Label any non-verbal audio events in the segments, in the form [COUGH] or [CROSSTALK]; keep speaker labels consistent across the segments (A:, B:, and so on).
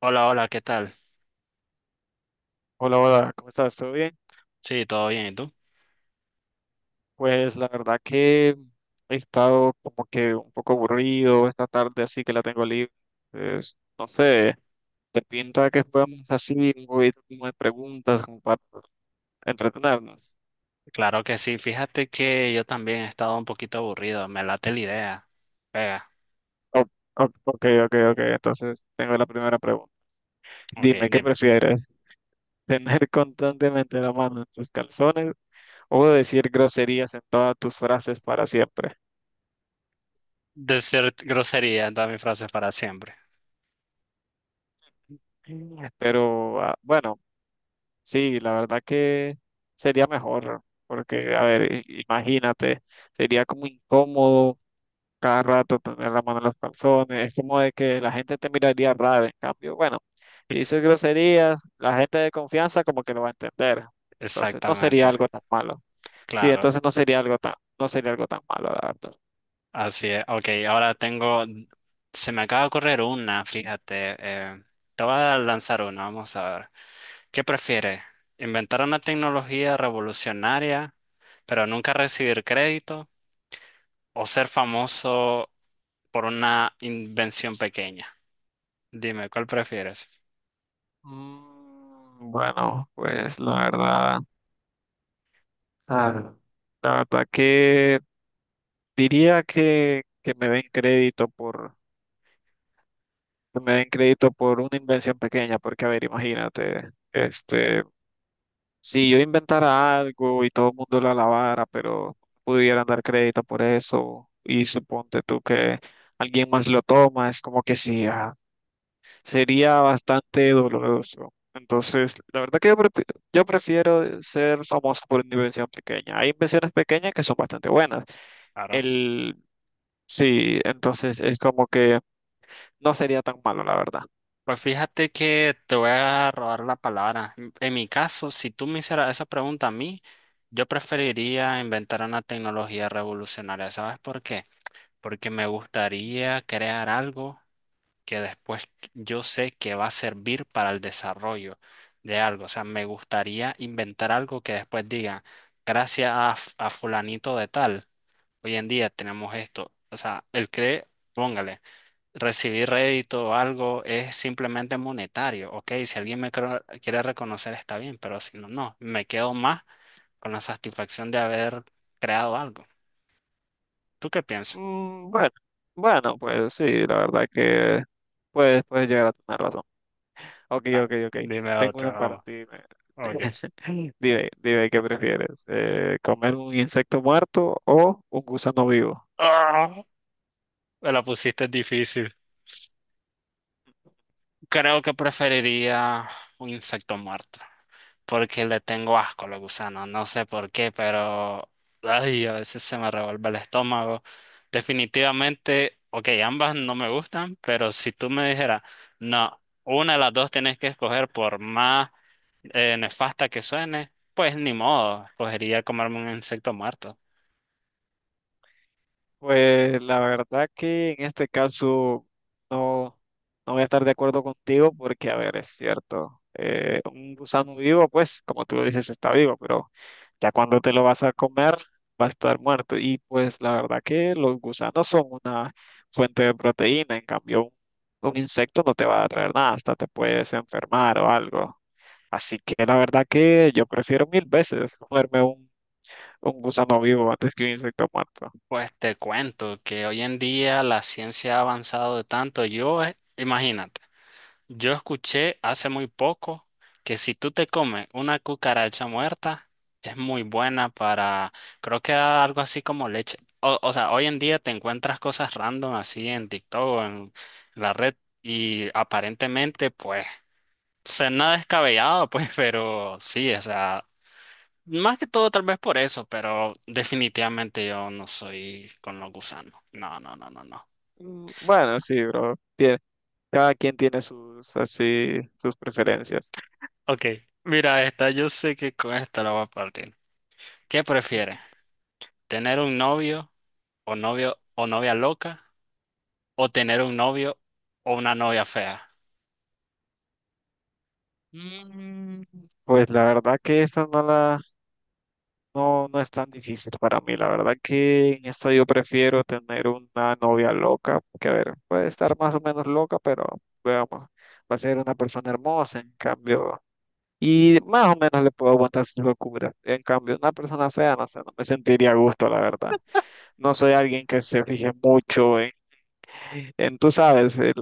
A: Hola, hola, ¿qué tal?
B: Hola, hola, ¿cómo estás? ¿Todo bien?
A: Sí, todo bien, ¿y tú?
B: Pues la verdad que he estado como que un poco aburrido esta tarde, así que la tengo libre. Entonces, no sé, ¿te pinta que podamos así un poquito como de preguntas como para entretenernos?
A: Claro que sí, fíjate que yo también he estado un poquito aburrido, me late la idea. Venga,
B: O- ok, ok, ok, entonces tengo la primera pregunta.
A: ok,
B: Dime, ¿qué
A: dime.
B: prefieres? [LAUGHS] ¿Tener constantemente la mano en tus calzones o decir groserías en todas tus frases para siempre?
A: Decir grosería en todas mis frases para siempre.
B: Mm. Pero bueno. Sí, la verdad que sería mejor, porque, a ver, imagínate, sería como incómodo cada rato tener la mano en los calzones, es como de que la gente te miraría raro, en cambio, bueno, si dices groserías, la gente de confianza como que lo va a entender, entonces no sería
A: Exactamente,
B: algo tan malo, sí,
A: claro.
B: entonces no sería algo tan, no sería algo tan malo, la verdad.
A: Así es, ok, ahora tengo, se me acaba de ocurrir una, fíjate, te voy a lanzar una, vamos a ver. ¿Qué prefieres? ¿Inventar una tecnología revolucionaria, pero nunca recibir crédito? ¿O ser famoso por una invención pequeña? Dime, ¿cuál prefieres?
B: Mm, bueno, pues la verdad, ah, la verdad que diría que me den crédito por que me den crédito por una invención pequeña, porque a ver, imagínate, si yo inventara algo y todo el mundo lo alabara, pero pudieran dar crédito por eso, y suponte tú que alguien más lo toma, es como que sí, sería bastante doloroso. Entonces, la verdad que yo prefiero ser famoso por una invención pequeña. Hay invenciones pequeñas que son bastante buenas.
A: Claro.
B: El, sí, entonces es como que no sería tan malo, la verdad.
A: Pues fíjate que te voy a robar la palabra. En mi caso, si tú me hicieras esa pregunta a mí, yo preferiría inventar una tecnología revolucionaria. ¿Sabes por qué? Porque me gustaría crear algo que después yo sé que va a servir para el desarrollo de algo. O sea, me gustaría inventar algo que después diga, gracias a fulanito de tal, hoy en día tenemos esto. O sea, el que, póngale recibir rédito o algo es simplemente monetario. Ok, si alguien quiere reconocer está bien, pero si no, no, me quedo más con la satisfacción de haber creado algo. ¿Tú qué piensas?
B: Mm, bueno, bueno, pues sí, la verdad que puedes llegar a tener razón. Ok,
A: Ah,
B: ok, ok.
A: dime
B: Tengo
A: otra,
B: una para
A: vamos.
B: ti.
A: Ok.
B: [LAUGHS] Dime, dime, ¿qué prefieres? ¿Comer un insecto muerto o un gusano vivo?
A: Ah, me la pusiste difícil. Creo que preferiría un insecto muerto, porque le tengo asco a los gusanos, no sé por qué, pero ay, a veces se me revuelve el estómago. Definitivamente, ok, ambas no me gustan, pero si tú me dijeras, no, una de las dos tienes que escoger por más nefasta que suene, pues ni modo, escogería comerme un insecto muerto.
B: Pues la verdad que en este caso no, no voy a estar de acuerdo contigo porque, a ver, es cierto, un gusano vivo, pues, como tú lo dices, está vivo, pero ya cuando te lo vas a comer, va a estar muerto. Y pues la verdad que los gusanos son una fuente de proteína, en cambio un insecto no te va a traer nada, hasta te puedes enfermar o algo. Así que la verdad que yo prefiero mil veces comerme un gusano vivo antes que un insecto muerto.
A: Pues te cuento que hoy en día la ciencia ha avanzado de tanto, yo, imagínate. Yo escuché hace muy poco que si tú te comes una cucaracha muerta, es muy buena para, creo que algo así como leche. O sea, hoy en día te encuentras cosas random así en TikTok o en la red y aparentemente pues, o nada descabellado pues, [LAUGHS] pero sí, o sea, más que todo tal vez por eso, pero definitivamente yo no soy con los gusanos. No, no, no, no, no.
B: Mm, bueno, sí, bro. Cada quien tiene sus, así, sus preferencias.
A: Ok, mira esta, yo sé que con esta la voy a partir. ¿Qué prefieres?
B: [LAUGHS]
A: Tener un novio o novio o novia loca o tener un novio o una novia fea.
B: Mm, pues la verdad que esta no, no es tan difícil para mí. La verdad que en esta yo prefiero tener una novia loca, que a ver, puede estar más o menos loca, pero veamos, va a ser una persona hermosa, en cambio, y más o menos le puedo aguantar sus locuras. En cambio, una persona fea, no sé, no me sentiría a gusto, la verdad. No soy alguien que se fije mucho en, tú sabes,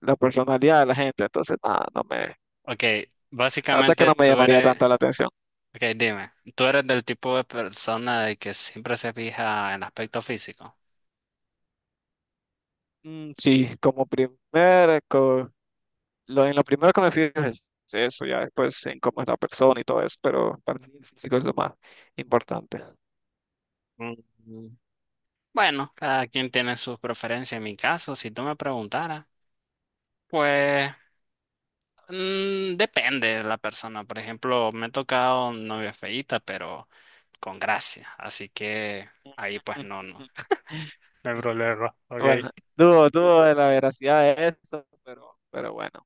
B: la personalidad de la gente. Entonces, nada, no me,
A: Ok,
B: la verdad que
A: básicamente
B: no me
A: tú
B: llamaría
A: eres,
B: tanto la atención.
A: ok, dime, tú eres del tipo de persona de que siempre se fija en aspecto físico.
B: Mm, sí, como primer, co- lo, en lo primero que me fijo es eso, ya después en cómo es la persona y todo eso, pero para mí el físico es lo más importante.
A: Mm, bueno, cada quien tiene sus preferencias. En mi caso, si tú me preguntaras, pues mm, depende de la persona. Por ejemplo, me he tocado novia feíta, pero con gracia. Así que ahí pues no, no. [LAUGHS]
B: [LAUGHS]
A: No hay problema, ok.
B: Bueno, dudo de la veracidad de eso, pero bueno.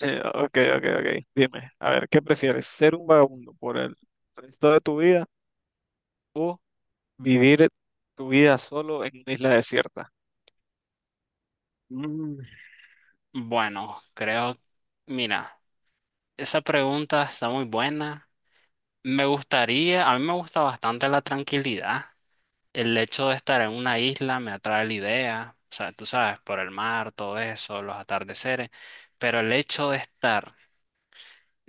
B: Ok, ok, ok. Dime, a ver, ¿qué prefieres? ¿Ser un vagabundo por el resto de tu vida, o vivir tu vida solo en una isla desierta?
A: Mm, bueno, creo, mira, esa pregunta está muy buena. Me gustaría, a mí me gusta bastante la tranquilidad. El hecho de estar en una isla me atrae la idea, o sea, tú sabes, por el mar, todo eso, los atardeceres, pero el hecho de estar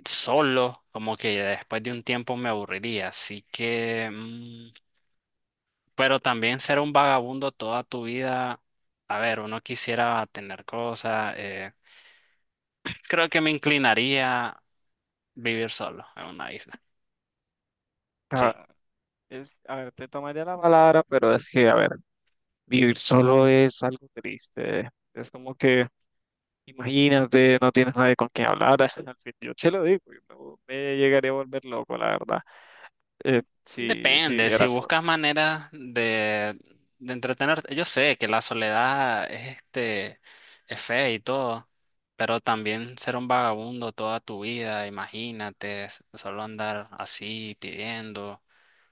A: solo, como que después de un tiempo me aburriría, así que mm, pero también ser un vagabundo toda tu vida, a ver, uno quisiera tener cosas, [CLEARS THROAT] creo que me inclinaría a vivir solo en una isla. Sí.
B: Ah, a ver, te tomaría la palabra, pero es que, a ver, vivir solo es algo triste. Es como que, imagínate, no tienes nadie con quien hablar. [LAUGHS] Al fin, yo te lo digo, yo no me llegaría a volver loco, la verdad, si
A: Depende, si
B: viviera solo.
A: buscas maneras de entretenerte. Yo sé que la soledad es, este, es fea y todo, pero también ser un vagabundo toda tu vida, imagínate, solo andar así pidiendo.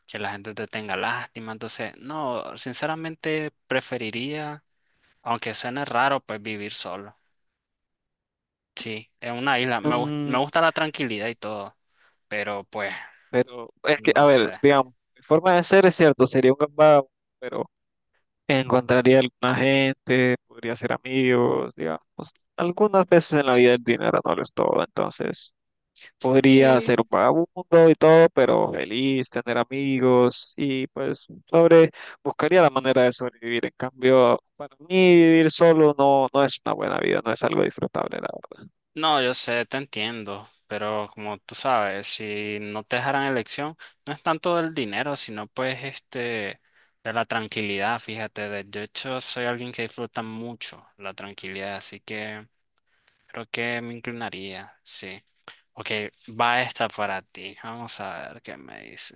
A: Que la gente te tenga lástima. Entonces, no, sinceramente preferiría, aunque suene raro, pues vivir solo. Sí, en una isla. Me
B: Mm,
A: gusta la tranquilidad y todo, pero pues,
B: pero es que,
A: no
B: a
A: sé.
B: ver, digamos, mi forma de ser es cierto, sería un gambado, pero encontraría alguna gente, podría hacer amigos, digamos. Algunas veces en la vida el dinero no lo es todo, entonces podría
A: Sí,
B: ser un vagabundo y todo, pero feliz, tener amigos y pues buscaría la manera de sobrevivir. En cambio, para mí vivir solo no, no es una buena vida, no es algo disfrutable, la verdad.
A: no, yo sé, te entiendo, pero como tú sabes, si no te dejaran elección, no es tanto del dinero, sino pues este, de la tranquilidad, fíjate. De hecho, soy alguien que disfruta mucho la tranquilidad, así que creo que me inclinaría, sí. Ok, va esta para ti. Vamos a ver qué me dice.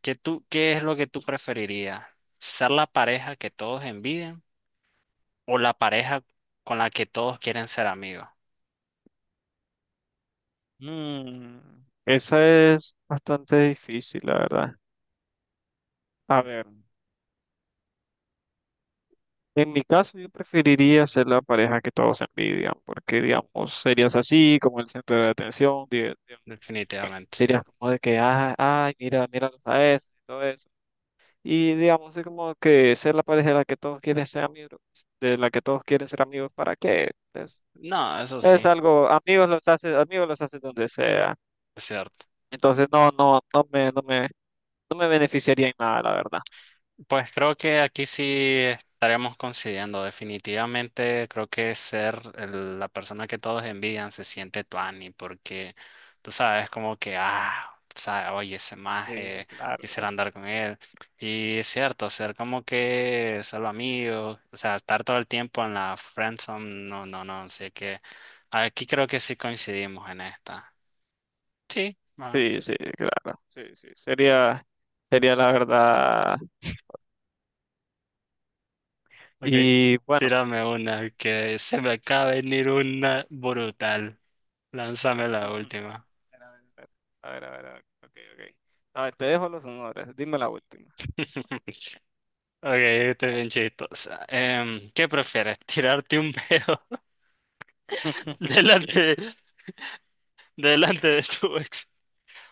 A: ¿Qué tú, qué es lo que tú preferirías? ¿Ser la pareja que todos envidian o la pareja con la que todos quieren ser amigos?
B: Mm, esa es bastante difícil, la verdad. A ver. En mi caso, yo preferiría ser la pareja que todos envidian, porque, digamos, serías así, como el centro de atención,
A: Definitivamente.
B: serías como de que, ay, mira, míralos a eso, y todo eso. Y, digamos, es como que ser la pareja de la que todos quieren ser amigos, de la que todos quieren ser amigos, ¿para qué? Es,
A: No, eso
B: es
A: sí,
B: algo, amigos los haces donde sea.
A: es cierto.
B: Entonces, no, no, no me beneficiaría en nada, la verdad.
A: Pues creo que aquí sí estaremos coincidiendo. Definitivamente creo que ser la persona que todos envidian se siente tuani porque tú sabes como que, ah, tú sabes, oye, ese maje,
B: Sí, claro,
A: quisiera
B: bro.
A: andar con él. Y es cierto, ser como que solo amigo, o sea, estar todo el tiempo en la friendzone, no, no, no. Así que aquí creo que sí coincidimos en esta. Sí.
B: Sí, sí, claro. Sí, sí, sería la verdad.
A: Ok,
B: Y bueno,
A: tírame una, que se me acaba de venir una brutal. Lánzame la
B: ujú.
A: última.
B: A ver, a ver, a ver, a ver, ok, ok. A ver, te dejo los honores, dime la última.
A: [LAUGHS] Ok, esta es bien chistosa. ¿Qué prefieres? ¿Tirarte un pedo [LAUGHS]
B: [LAUGHS]
A: delante, delante de tu ex?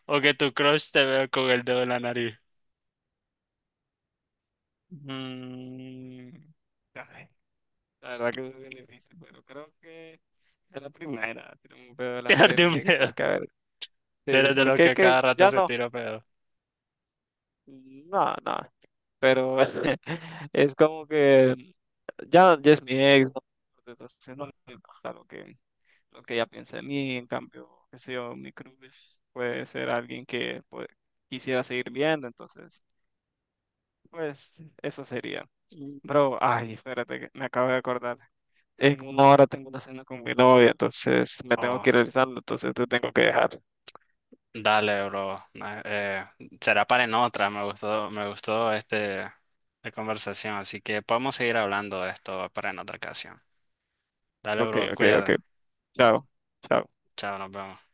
A: ¿O que tu crush te vea con el dedo en la nariz? [LAUGHS]
B: Mm, ay, la verdad que es bien difícil, pero creo que es la primera. Tiene un pedo delante de
A: Tirarte
B: mí,
A: un
B: que
A: pedo.
B: porque, a ver,
A: Tú
B: sí,
A: eres de los
B: porque
A: que cada
B: que
A: rato
B: ya
A: se
B: no,
A: tira pedo.
B: no, no, pero [LAUGHS] es como que ya, ya es mi ex, ¿no? Entonces, no, claro que. Lo que ella piensa de mí, en cambio, qué sé yo, mi crush puede ser alguien que pues, quisiera seguir viendo, entonces, pues eso sería.
A: Mm.
B: Bro, ay, espérate, que me acabo de acordar. En 1 hora tengo una cena con mi novia, entonces me tengo
A: Oh.
B: que ir realizando, entonces te tengo que dejar.
A: Dale, bro. Será para en otra. Me gustó este, la conversación. Así que podemos seguir hablando de esto para en otra ocasión. Dale,
B: Ok,
A: bro.
B: ok, ok.
A: Cuídate.
B: Chao, chao.
A: Chao, nos vemos.